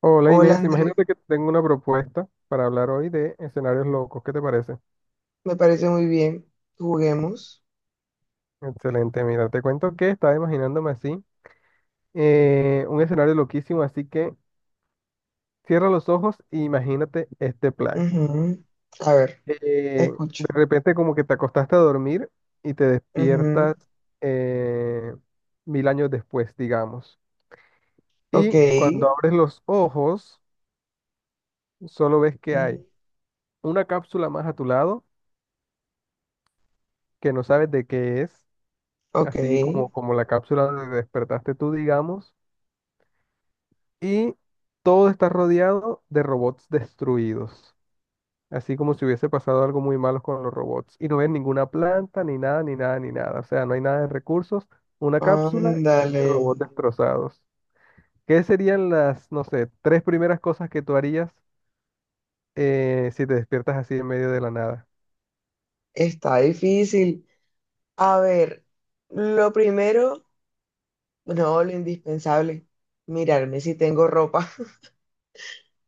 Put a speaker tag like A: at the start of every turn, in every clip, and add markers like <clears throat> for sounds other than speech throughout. A: Hola
B: Hola
A: Inés,
B: André,
A: imagínate que tengo una propuesta para hablar hoy de escenarios locos. ¿Qué te parece?
B: me parece muy bien. Juguemos.
A: Excelente, mira, te cuento que estaba imaginándome así, un escenario loquísimo, así que cierra los ojos e imagínate este plan.
B: Ujú. A ver, te
A: Eh, de
B: escucho.
A: repente como que te acostaste a dormir y te
B: Ujú.
A: despiertas eh, mil años después, digamos.
B: Ok.
A: Y cuando abres los ojos, solo ves que hay
B: Ujú.
A: una cápsula más a tu lado que no sabes de qué es,
B: Ok.
A: así como, como la cápsula donde despertaste tú, digamos, y todo está rodeado de robots destruidos, así como si hubiese pasado algo muy malo con los robots, y no ves ninguna planta, ni nada, ni nada, ni nada, o sea, no hay nada de recursos, una cápsula y
B: Ándale.
A: robots destrozados. ¿Qué serían las, no sé, tres primeras cosas que tú harías si te despiertas así en medio de la nada?
B: Está difícil. A ver, lo primero, no, lo indispensable, mirarme si tengo ropa. <laughs>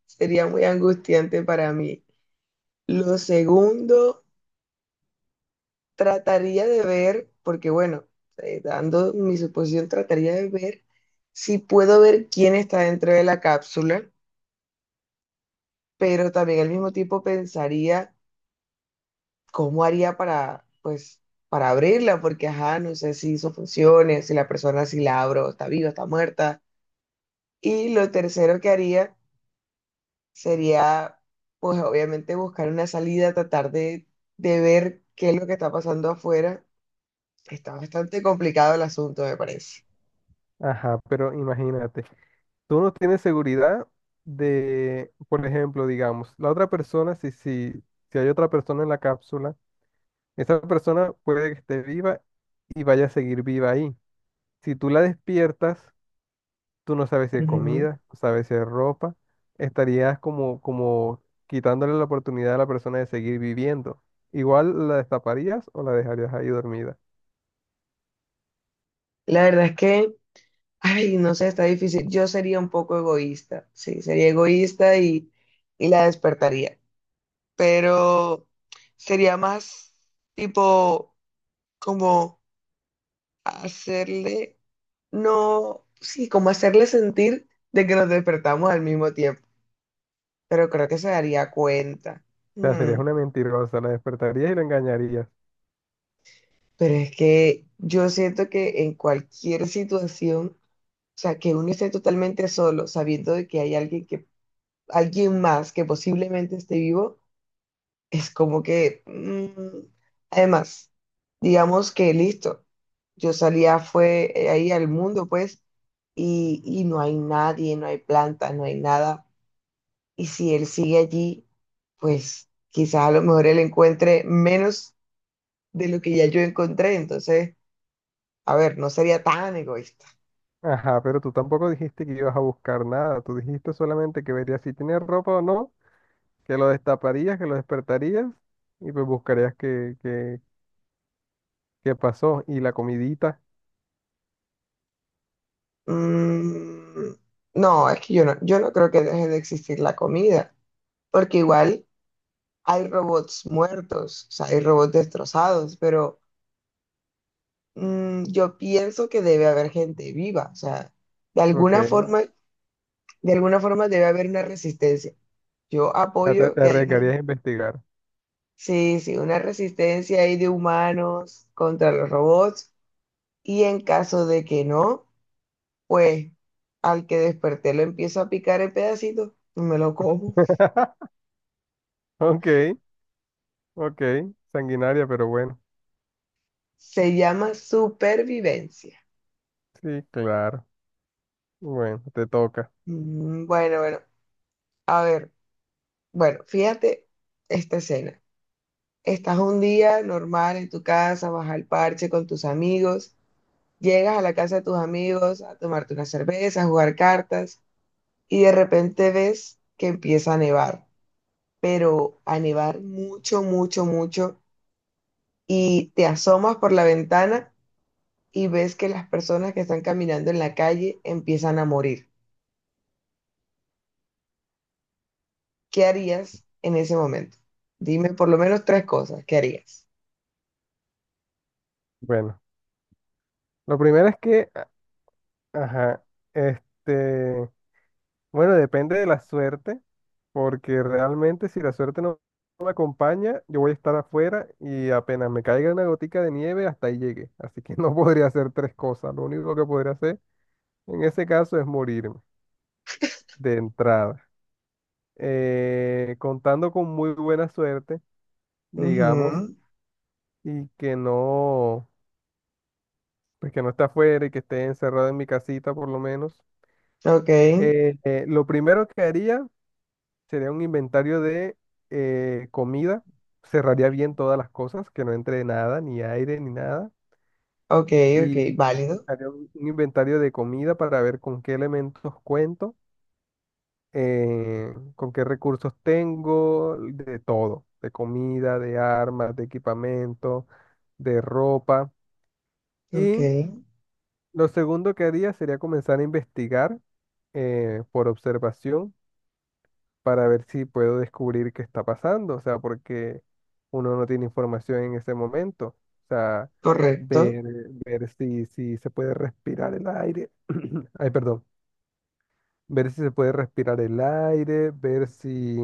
B: Sería muy angustiante para mí. Lo segundo, trataría de ver, porque bueno, dando mi suposición, trataría de ver si puedo ver quién está dentro de la cápsula, pero también al mismo tiempo pensaría cómo haría para, pues, para abrirla, porque ajá, no sé si eso funcione, si la persona, si la abro, está viva, está muerta. Y lo tercero que haría sería, pues, obviamente buscar una salida, tratar de ver qué es lo que está pasando afuera. Está bastante complicado el asunto, me parece.
A: Ajá, pero imagínate. Tú no tienes seguridad de, por ejemplo, digamos, la otra persona, si hay otra persona en la cápsula, esa persona puede que esté viva y vaya a seguir viva ahí. Si tú la despiertas, tú no sabes si hay
B: Ujú.
A: comida, no sabes si hay ropa, estarías como, como quitándole la oportunidad a la persona de seguir viviendo. Igual la destaparías o la dejarías ahí dormida.
B: La verdad es que, <laughs> ay, no sé, está difícil. Yo sería un poco egoísta, sí, sería egoísta y la despertaría, pero sería más tipo como hacerle, no, sí, como hacerle sentir de que nos despertamos al mismo tiempo, pero creo que se daría cuenta.
A: O sea,
B: Mm.
A: serías una mentirosa, la despertarías y la engañarías.
B: Pero es que yo siento que en cualquier situación, o sea, que uno esté totalmente solo, sabiendo de que hay alguien que alguien más que posiblemente esté vivo, es como que, además, digamos que listo, yo salía fue ahí al mundo, pues, y no hay nadie, no hay planta, no hay nada. Y si él sigue allí, pues quizás a lo mejor él encuentre menos de lo que ya yo encontré. Entonces, a ver, no sería tan egoísta.
A: Ajá, pero tú tampoco dijiste que ibas a buscar nada. Tú dijiste solamente que verías si tiene ropa o no, que lo destaparías, que lo despertarías y pues buscarías qué pasó. Y la comidita,
B: Mm, no, es que yo no creo que deje de existir la comida, porque igual hay robots muertos, o sea, hay robots destrozados, pero yo pienso que debe haber gente viva, o sea, de alguna
A: ok.
B: forma, de alguna forma debe haber una resistencia. Yo
A: Ya te,
B: apoyo
A: te
B: que haya una,
A: arriesgarías a investigar.
B: sí, sí, una resistencia ahí de humanos contra los robots y en caso de que no, pues al que desperté lo empiezo a picar en pedacitos y me lo como.
A: <laughs> Ok, ok. Sanguinaria, pero bueno.
B: Se llama supervivencia.
A: Sí, claro. Bueno, te toca.
B: Mm. Bueno, a ver. Bueno, fíjate esta escena. Estás un día normal en tu casa, vas al parche con tus amigos, llegas a la casa de tus amigos a tomarte una cerveza, a jugar cartas y de repente ves que empieza a nevar, pero a nevar mucho, mucho, mucho y te asomas por la ventana y ves que las personas que están caminando en la calle empiezan a morir. ¿Qué harías en ese momento? Dime por lo menos tres cosas. ¿Qué harías?
A: Bueno, lo primero es que, ajá, este, bueno, depende de la suerte. Porque realmente si la suerte no me acompaña, yo voy a estar afuera y apenas me caiga una gotica de nieve, hasta ahí llegué. Así que no <laughs> podría hacer tres cosas. Lo único que podría hacer en ese caso es morirme de entrada. Contando con muy buena suerte, digamos,
B: Ujú.
A: y que no, pues que no esté afuera y que esté encerrado en mi casita por lo menos.
B: Ok.
A: Lo primero que haría sería un inventario de comida. Cerraría bien todas las cosas, que no entre nada, ni aire, ni nada.
B: Ok, ok,
A: Y
B: válido.
A: haría un inventario de comida para ver con qué elementos cuento, con qué recursos tengo, de todo, de comida, de armas, de equipamiento, de ropa.
B: Ok,
A: Y lo segundo que haría sería comenzar a investigar por observación para ver si puedo descubrir qué está pasando, o sea, porque uno no tiene información en ese momento, o sea,
B: correcto.
A: ver, ver si, si se puede respirar el aire, <clears throat> ay, perdón, ver si se puede respirar el aire, ver si,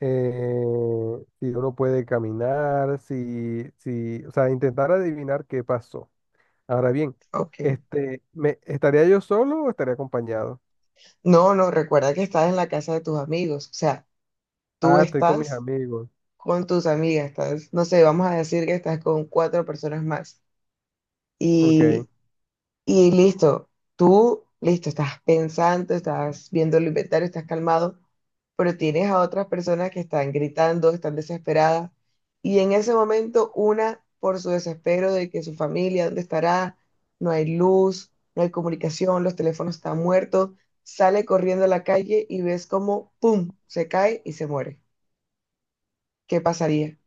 A: eh, si uno puede caminar, si, si, o sea, intentar adivinar qué pasó. Ahora bien,
B: Ok.
A: este, ¿me, estaría yo solo o estaría acompañado?
B: No, no, recuerda que estás en la casa de tus amigos. O sea, tú
A: Ah, estoy con mis
B: estás
A: amigos,
B: con tus amigas, estás, no sé, vamos a decir que estás con cuatro personas más.
A: ok.
B: Y listo, tú, listo, estás pensando, estás viendo el inventario, estás calmado, pero tienes a otras personas que están gritando, están desesperadas. Y en ese momento, una, por su desespero de que su familia, ¿dónde estará? No hay luz, no hay comunicación, los teléfonos están muertos, sale corriendo a la calle y ves como, ¡pum!, se cae y se muere. ¿Qué pasaría?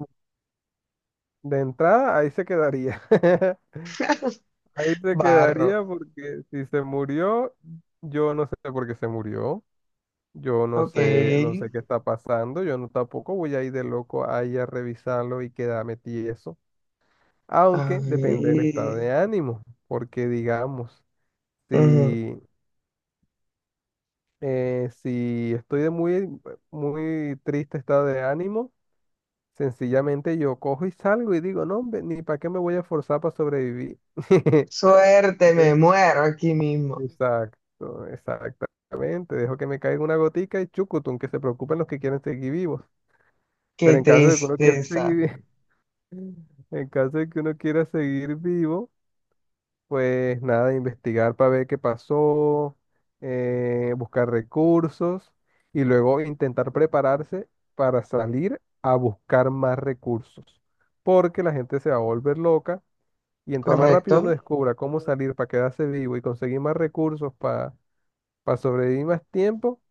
A: De entrada, ahí se quedaría. <laughs> Ahí se
B: Barro.
A: quedaría porque si se murió, yo no sé por qué se murió. Yo no
B: Ok.
A: sé, no sé qué está pasando. Yo no tampoco voy a ir de loco ahí a revisarlo y quedarme tieso. Aunque depende del estado
B: Ay.
A: de ánimo. Porque digamos,
B: Ujú.
A: si, si estoy de muy, muy triste estado de ánimo, sencillamente yo cojo y salgo y digo, no, hombre, ni para qué me voy a forzar para sobrevivir. <laughs>
B: Suerte, me
A: <laughs>
B: muero aquí mismo.
A: Exacto, exactamente. Dejo que me caiga una gotica y chucutun que se preocupen los que quieren seguir vivos. Pero
B: Qué
A: en caso de que uno quiera seguir,
B: tristeza.
A: vi- <laughs> en caso de que uno quiera seguir vivo, pues nada, investigar para ver qué pasó, buscar recursos y luego intentar prepararse para salir a buscar más recursos. Porque la gente se va a volver loca y entre más rápido uno
B: ¿Correcto?
A: descubra cómo salir para quedarse vivo y conseguir más recursos para sobrevivir más tiempo,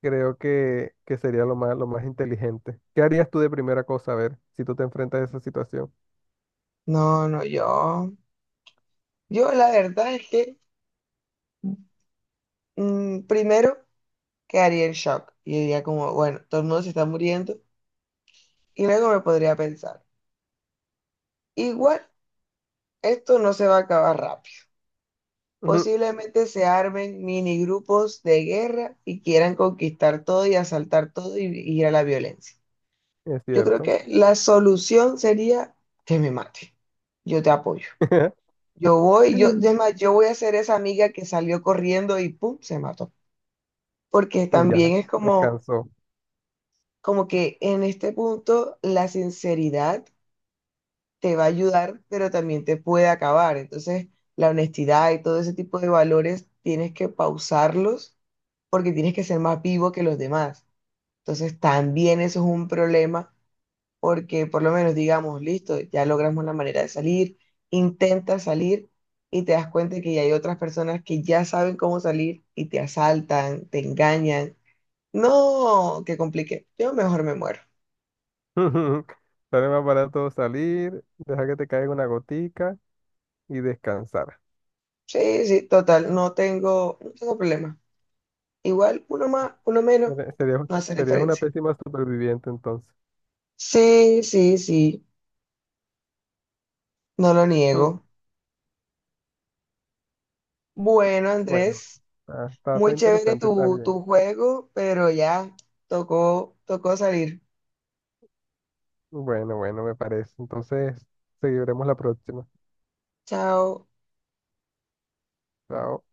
A: creo que sería lo más inteligente. ¿Qué harías tú de primera cosa, a ver, si tú te enfrentas a esa situación?
B: No, no, yo. Yo la verdad es que primero quedaría en shock y diría como, bueno, todo el mundo se está muriendo y luego me podría pensar, igual, esto no se va a acabar rápido.
A: Ujú,
B: Posiblemente se armen mini grupos de guerra y quieran conquistar todo y asaltar todo y ir a la violencia.
A: es
B: Yo creo
A: cierto.
B: que la solución sería que me mate. Yo te apoyo.
A: <laughs>
B: Es más, yo voy a ser esa amiga que salió corriendo y pum, se mató. Porque
A: Y
B: también
A: ya,
B: es como,
A: descansó.
B: como que en este punto la sinceridad te va a ayudar, pero también te puede acabar. Entonces, la honestidad y todo ese tipo de valores tienes que pausarlos porque tienes que ser más vivo que los demás. Entonces, también eso es un problema porque por lo menos digamos, listo, ya logramos la manera de salir, intenta salir y te das cuenta que ya hay otras personas que ya saben cómo salir y te asaltan, te engañan. No, que complique. Yo mejor me muero.
A: <laughs> Sale más barato salir, dejar que te caiga una gotica y descansar.
B: Sí, sí, total, no tengo problema. Igual, uno más, uno menos,
A: Serías,
B: no hace
A: serías una
B: diferencia.
A: pésima superviviente entonces.
B: Sí, sí, sí, no lo
A: Mm,
B: niego. Bueno,
A: bueno,
B: Andrés,
A: ah, está, está
B: muy chévere
A: interesante, está bien.
B: tu juego, pero ya tocó salir.
A: Bueno, bueno, me parece. Entonces, seguiremos la próxima.
B: Chao.
A: Chao.